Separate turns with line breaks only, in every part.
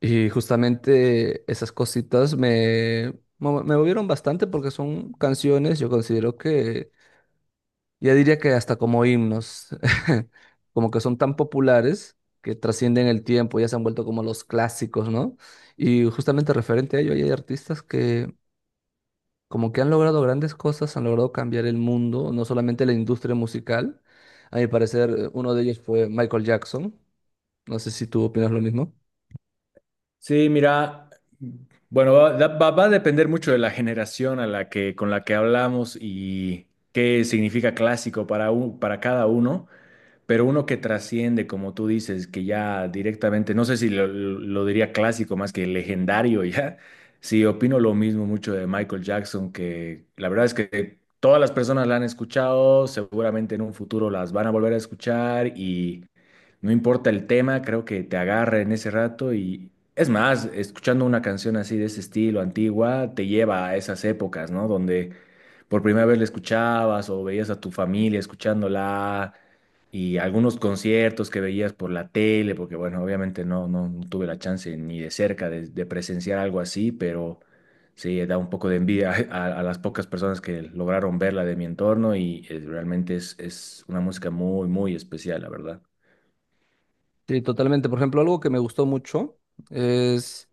Y justamente esas cositas me, me movieron bastante porque son canciones, yo considero que ya diría que hasta como himnos, como que son tan populares que trascienden el tiempo, ya se han vuelto como los clásicos, ¿no? Y justamente referente a ello, hay artistas que como que han logrado grandes cosas, han logrado cambiar el mundo, no solamente la industria musical. A mi parecer, uno de ellos fue Michael Jackson. No sé si tú opinas lo mismo.
Sí, mira, bueno, va a depender mucho de la generación a la que, con la que hablamos y qué significa clásico para, para cada uno. Pero uno que trasciende, como tú dices, que ya directamente, no sé si lo diría clásico más que legendario ya. Sí, opino lo mismo mucho de Michael Jackson, que la verdad es que todas las personas la han escuchado, seguramente en un futuro las van a volver a escuchar y no importa el tema, creo que te agarra en ese rato Es más, escuchando una canción así de ese estilo antigua, te lleva a esas épocas, ¿no? Donde por primera vez la escuchabas o veías a tu familia escuchándola y algunos conciertos que veías por la tele, porque bueno, obviamente no tuve la chance ni de cerca de presenciar algo así, pero sí, da un poco de envidia a las pocas personas que lograron verla de mi entorno y realmente es una música muy, muy especial, la verdad.
Sí, totalmente. Por ejemplo, algo que me gustó mucho es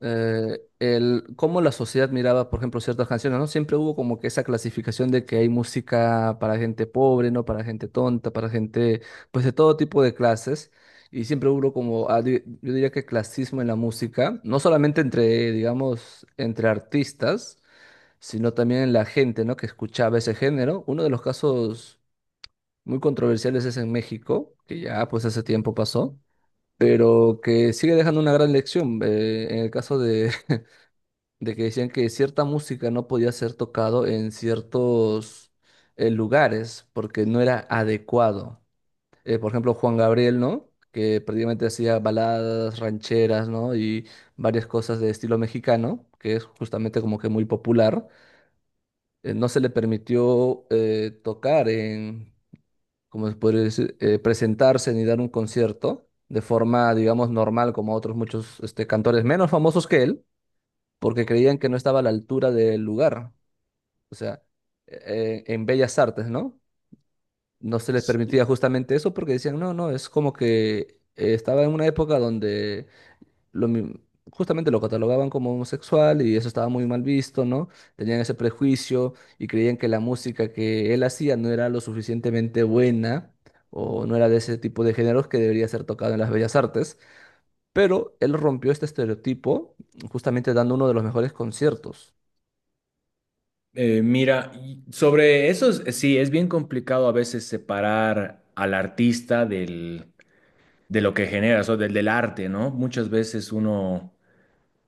el cómo la sociedad miraba, por ejemplo, ciertas canciones, ¿no? Siempre hubo como que esa clasificación de que hay música para gente pobre, ¿no? Para gente tonta, para gente, pues de todo tipo de clases. Y siempre hubo como, ah, yo diría que clasismo en la música, no solamente entre, digamos, entre artistas, sino también en la gente, ¿no? Que escuchaba ese género. Uno de los casos muy controversiales es en México, que ya pues hace tiempo pasó pero que sigue dejando una gran lección. En el caso de, de que decían que cierta música no podía ser tocado en ciertos lugares porque no era adecuado. Por ejemplo, Juan Gabriel, ¿no? Que prácticamente hacía baladas rancheras, ¿no? Y varias cosas de estilo mexicano, que es justamente como que muy popular. No se le permitió tocar en, como se podría decir, presentarse ni dar un concierto de forma, digamos, normal, como otros muchos este, cantores menos famosos que él, porque creían que no estaba a la altura del lugar. O sea, en Bellas Artes, ¿no? No se les permitía justamente eso porque decían, no, no, es como que estaba en una época donde lo mi- justamente lo catalogaban como homosexual y eso estaba muy mal visto, ¿no? Tenían ese prejuicio y creían que la música que él hacía no era lo suficientemente buena o no era de ese tipo de géneros que debería ser tocado en las bellas artes, pero él rompió este estereotipo justamente dando uno de los mejores conciertos.
Mira, y sobre eso, sí, es bien complicado a veces separar al artista del de lo que generas o del arte, ¿no? Muchas veces uno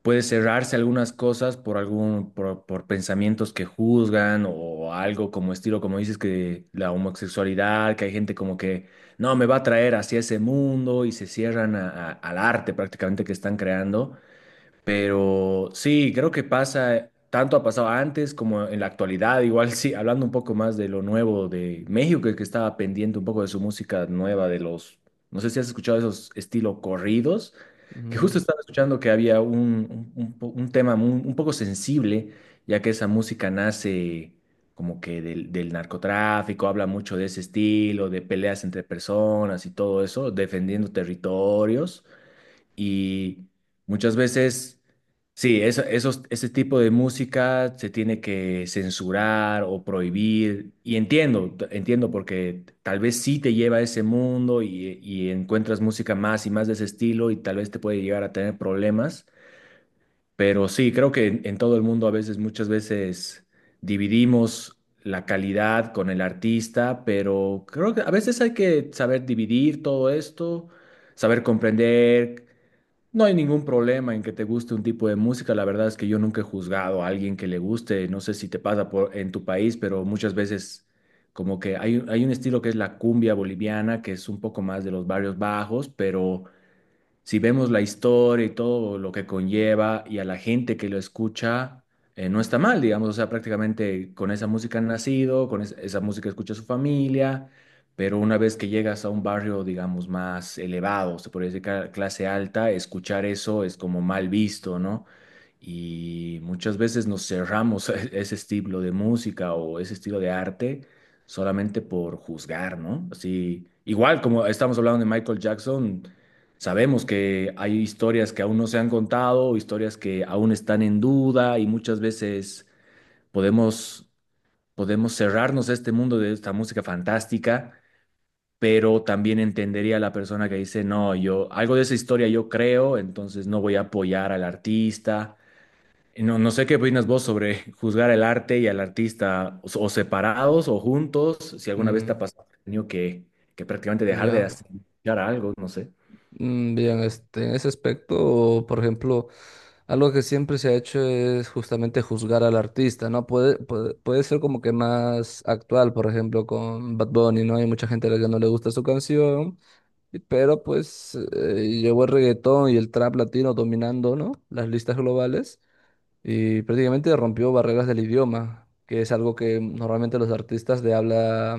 puede cerrarse algunas cosas por por pensamientos que juzgan o algo como estilo, como dices, que la homosexualidad, que hay gente como que no me va a traer hacia ese mundo y se cierran al arte prácticamente que están creando. Pero sí, creo que pasa, tanto ha pasado antes como en la actualidad, igual sí, hablando un poco más de lo nuevo de México, que estaba pendiente un poco de su música nueva, no sé si has escuchado esos estilo corridos, que justo
Mm,
estaba escuchando que había un tema un poco sensible, ya que esa música nace como que del narcotráfico, habla mucho de ese estilo, de peleas entre personas y todo eso, defendiendo territorios. Y muchas veces, sí, ese tipo de música se tiene que censurar o prohibir. Y entiendo, entiendo, porque tal vez sí te lleva a ese mundo y encuentras música más y más de ese estilo y tal vez te puede llegar a tener problemas. Pero sí, creo que en todo el mundo a veces, muchas veces dividimos la calidad con el artista, pero creo que a veces hay que saber dividir todo esto, saber comprender. No hay ningún problema en que te guste un tipo de música. La verdad es que yo nunca he juzgado a alguien que le guste. No sé si te pasa por, en tu país, pero muchas veces como que hay un estilo que es la cumbia boliviana, que es un poco más de los barrios bajos, pero si vemos la historia y todo lo que conlleva y a la gente que lo escucha, no está mal, digamos, o sea, prácticamente con esa música han nacido, con esa música escucha su familia, pero una vez que llegas a un barrio, digamos, más elevado, se podría decir clase alta, escuchar eso es como mal visto, ¿no? Y muchas veces nos cerramos a ese estilo de música o ese estilo de arte solamente por juzgar, ¿no? Así, igual como estamos hablando de Michael Jackson. Sabemos que hay historias que aún no se han contado, historias que aún están en duda y muchas veces podemos, podemos cerrarnos a este mundo de esta música fantástica, pero también entendería a la persona que dice, no, yo algo de esa historia yo creo, entonces no voy a apoyar al artista. Y no sé qué opinas vos sobre juzgar el arte y al artista, o separados o juntos, si alguna vez te ha
mm,
pasado, has tenido que prácticamente dejar de
ya.
hacer algo, no sé.
Mm, bien, este, en ese aspecto, por ejemplo, algo que siempre se ha hecho es justamente juzgar al artista, ¿no? Puede, puede ser como que más actual, por ejemplo, con Bad Bunny, ¿no? Hay mucha gente a la que no le gusta su canción, y- pero pues llegó el reggaetón y el trap latino dominando, ¿no? Las listas globales y prácticamente rompió barreras del idioma, que es algo que normalmente los artistas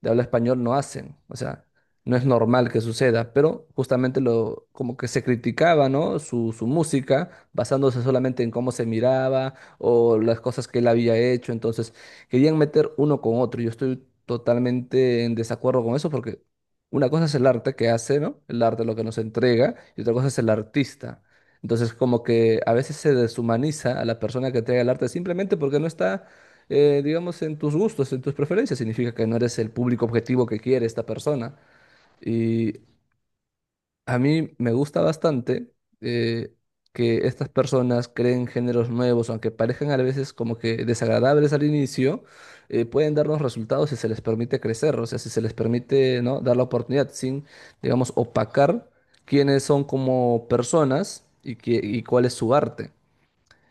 de habla español no hacen. O sea, no es normal que suceda, pero justamente lo, como que se criticaba, ¿no? Su música, basándose solamente en cómo se miraba o las cosas que él había hecho. Entonces, querían meter uno con otro. Yo estoy totalmente en desacuerdo con eso porque una cosa es el arte que hace, ¿no? El arte lo que nos entrega y otra cosa es el artista. Entonces, como que a veces se deshumaniza a la persona que entrega el arte simplemente porque no está, digamos, en tus gustos, en tus preferencias. Significa que no eres el público objetivo que quiere esta persona. Y a mí me gusta bastante eh, que estas personas creen géneros nuevos, aunque parezcan a veces como que desagradables al inicio, pueden darnos resultados si se les permite crecer, o sea, si se les permite, ¿no? Dar la oportunidad sin, digamos, opacar quiénes son como personas y, que, y cuál es su arte.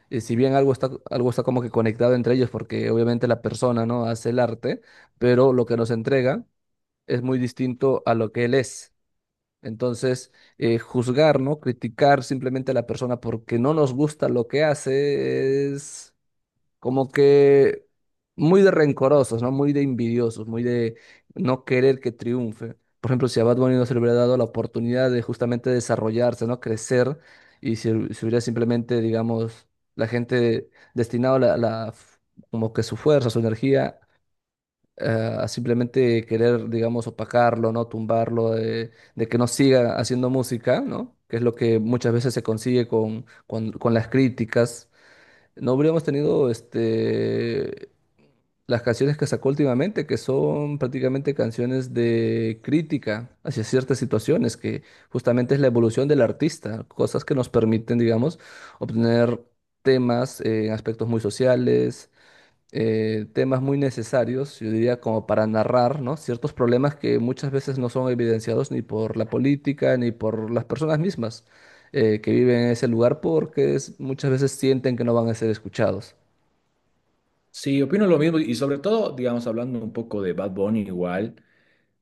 Si bien algo está como que conectado entre ellos, porque obviamente la persona, ¿no? hace el arte, pero lo que nos entrega es muy distinto a lo que él es. Entonces, juzgar, ¿no? Criticar simplemente a la persona porque no nos gusta lo que hace es como que muy de rencorosos, ¿no? Muy de envidiosos, muy de no querer que triunfe. Por ejemplo, si a Bad Bunny no se le hubiera dado la oportunidad de justamente desarrollarse, ¿no? Crecer y si, si hubiera simplemente, digamos, la gente destinado la, como que su fuerza, su energía a simplemente querer, digamos, opacarlo, ¿no? Tumbarlo, de que no siga haciendo música, ¿no? Que es lo que muchas veces se consigue con las críticas. No habríamos tenido este, las canciones que sacó últimamente, que son prácticamente canciones de crítica hacia ciertas situaciones, que justamente es la evolución del artista, cosas que nos permiten, digamos, obtener temas en aspectos muy sociales, temas muy necesarios, yo diría como para narrar, ¿no? Ciertos problemas que muchas veces no son evidenciados ni por la política ni por las personas mismas que viven en ese lugar porque es- muchas veces sienten que no van a ser escuchados.
Sí, opino lo mismo y sobre todo, digamos, hablando un poco de Bad Bunny igual,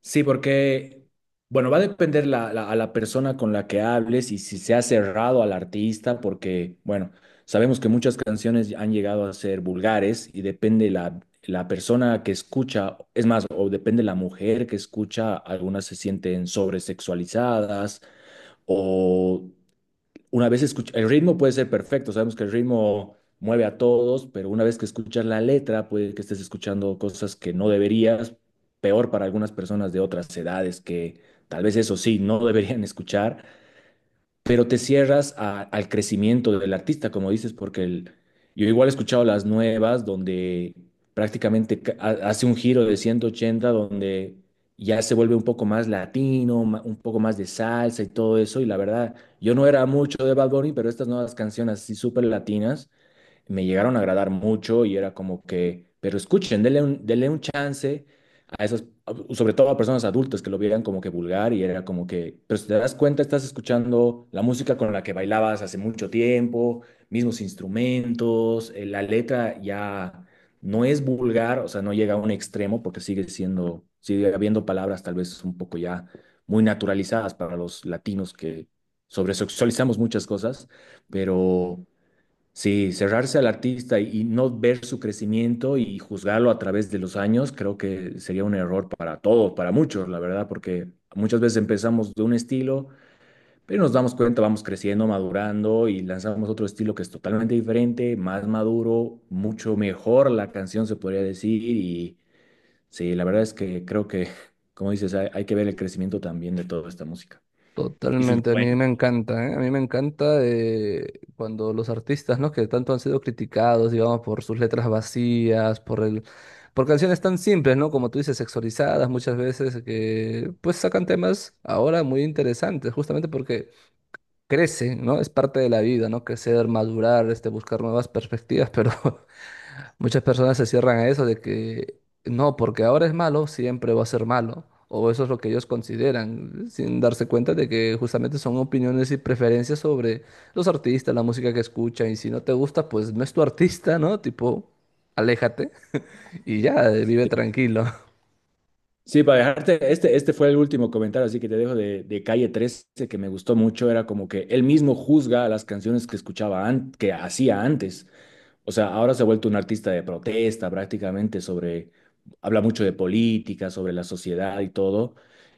sí, porque, bueno, va a depender a la persona con la que hables y si se ha cerrado al artista, porque, bueno, sabemos que muchas canciones han llegado a ser vulgares y depende la persona que escucha, es más, o depende la mujer que escucha, algunas se sienten sobresexualizadas una vez escucha, el ritmo puede ser perfecto, sabemos que el ritmo mueve a todos, pero una vez que escuchas la letra, puede que estés escuchando cosas que no deberías, peor para algunas personas de otras edades que tal vez eso sí, no deberían escuchar, pero te cierras al crecimiento del artista, como dices, porque yo igual he escuchado las nuevas donde prácticamente hace un giro de 180 donde ya se vuelve un poco más latino, un poco más de salsa y todo eso, y la verdad, yo no era mucho de Bad Bunny, pero estas nuevas canciones así súper latinas me llegaron a agradar mucho y era como que, pero escuchen, denle un chance a esos, sobre todo a personas adultas que lo vieran como que vulgar y era como que, pero si te das cuenta, estás escuchando la música con la que bailabas hace mucho tiempo, mismos instrumentos, la letra ya no es vulgar, o sea, no llega a un extremo porque sigue siendo, sigue habiendo palabras tal vez un poco ya muy naturalizadas para los latinos que sobresexualizamos muchas cosas, pero sí, cerrarse al artista y no ver su crecimiento y juzgarlo a través de los años, creo que sería un error para todos, para muchos, la verdad, porque muchas veces empezamos de un estilo, pero nos damos cuenta, vamos creciendo, madurando y lanzamos otro estilo que es totalmente diferente, más maduro, mucho mejor la canción se podría decir. Y sí, la verdad es que creo que, como dices, hay que ver el crecimiento también de toda esta música. Y su
Totalmente, a mí
influencia.
me encanta, ¿eh? A mí me encanta cuando los artistas, ¿no? Que tanto han sido criticados, digamos, por sus letras vacías, por el, por canciones tan simples, ¿no? Como tú dices, sexualizadas muchas veces, que pues sacan temas ahora muy interesantes, justamente porque crece, ¿no? Es parte de la vida, ¿no? Crecer, madurar, este, buscar nuevas perspectivas, pero muchas personas se cierran a eso de que no, porque ahora es malo, siempre va a ser malo, o eso es lo que ellos consideran, sin darse cuenta de que justamente son opiniones y preferencias sobre los artistas, la música que escuchan, y si no te gusta, pues no es tu artista, ¿no? Tipo, aléjate y ya, vive tranquilo.
Sí, para dejarte, este fue el último comentario, así que te dejo de Calle 13 que me gustó mucho, era como que él mismo juzga las canciones que escuchaba, que hacía antes. O sea, ahora se ha vuelto un artista de protesta prácticamente habla mucho de política, sobre la sociedad y todo.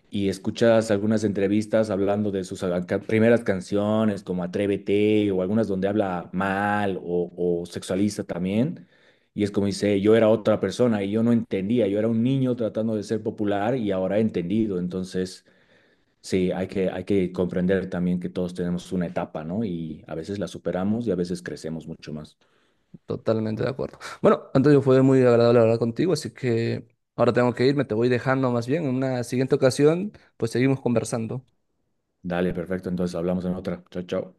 Y escuchas algunas entrevistas hablando de sus primeras canciones, como Atrévete, o algunas donde habla mal o sexualiza también. Y es como dice, yo era otra persona y yo no entendía, yo era un niño tratando de ser popular y ahora he entendido. Entonces, sí, hay que comprender también que todos tenemos una etapa, ¿no? Y a veces la superamos y a veces crecemos mucho más.
Totalmente de acuerdo. Bueno, Antonio, fue muy agradable hablar contigo, así que ahora tengo que irme, te voy dejando más bien. En una siguiente ocasión, pues seguimos conversando.
Dale, perfecto. Entonces hablamos en otra. Chao, chao.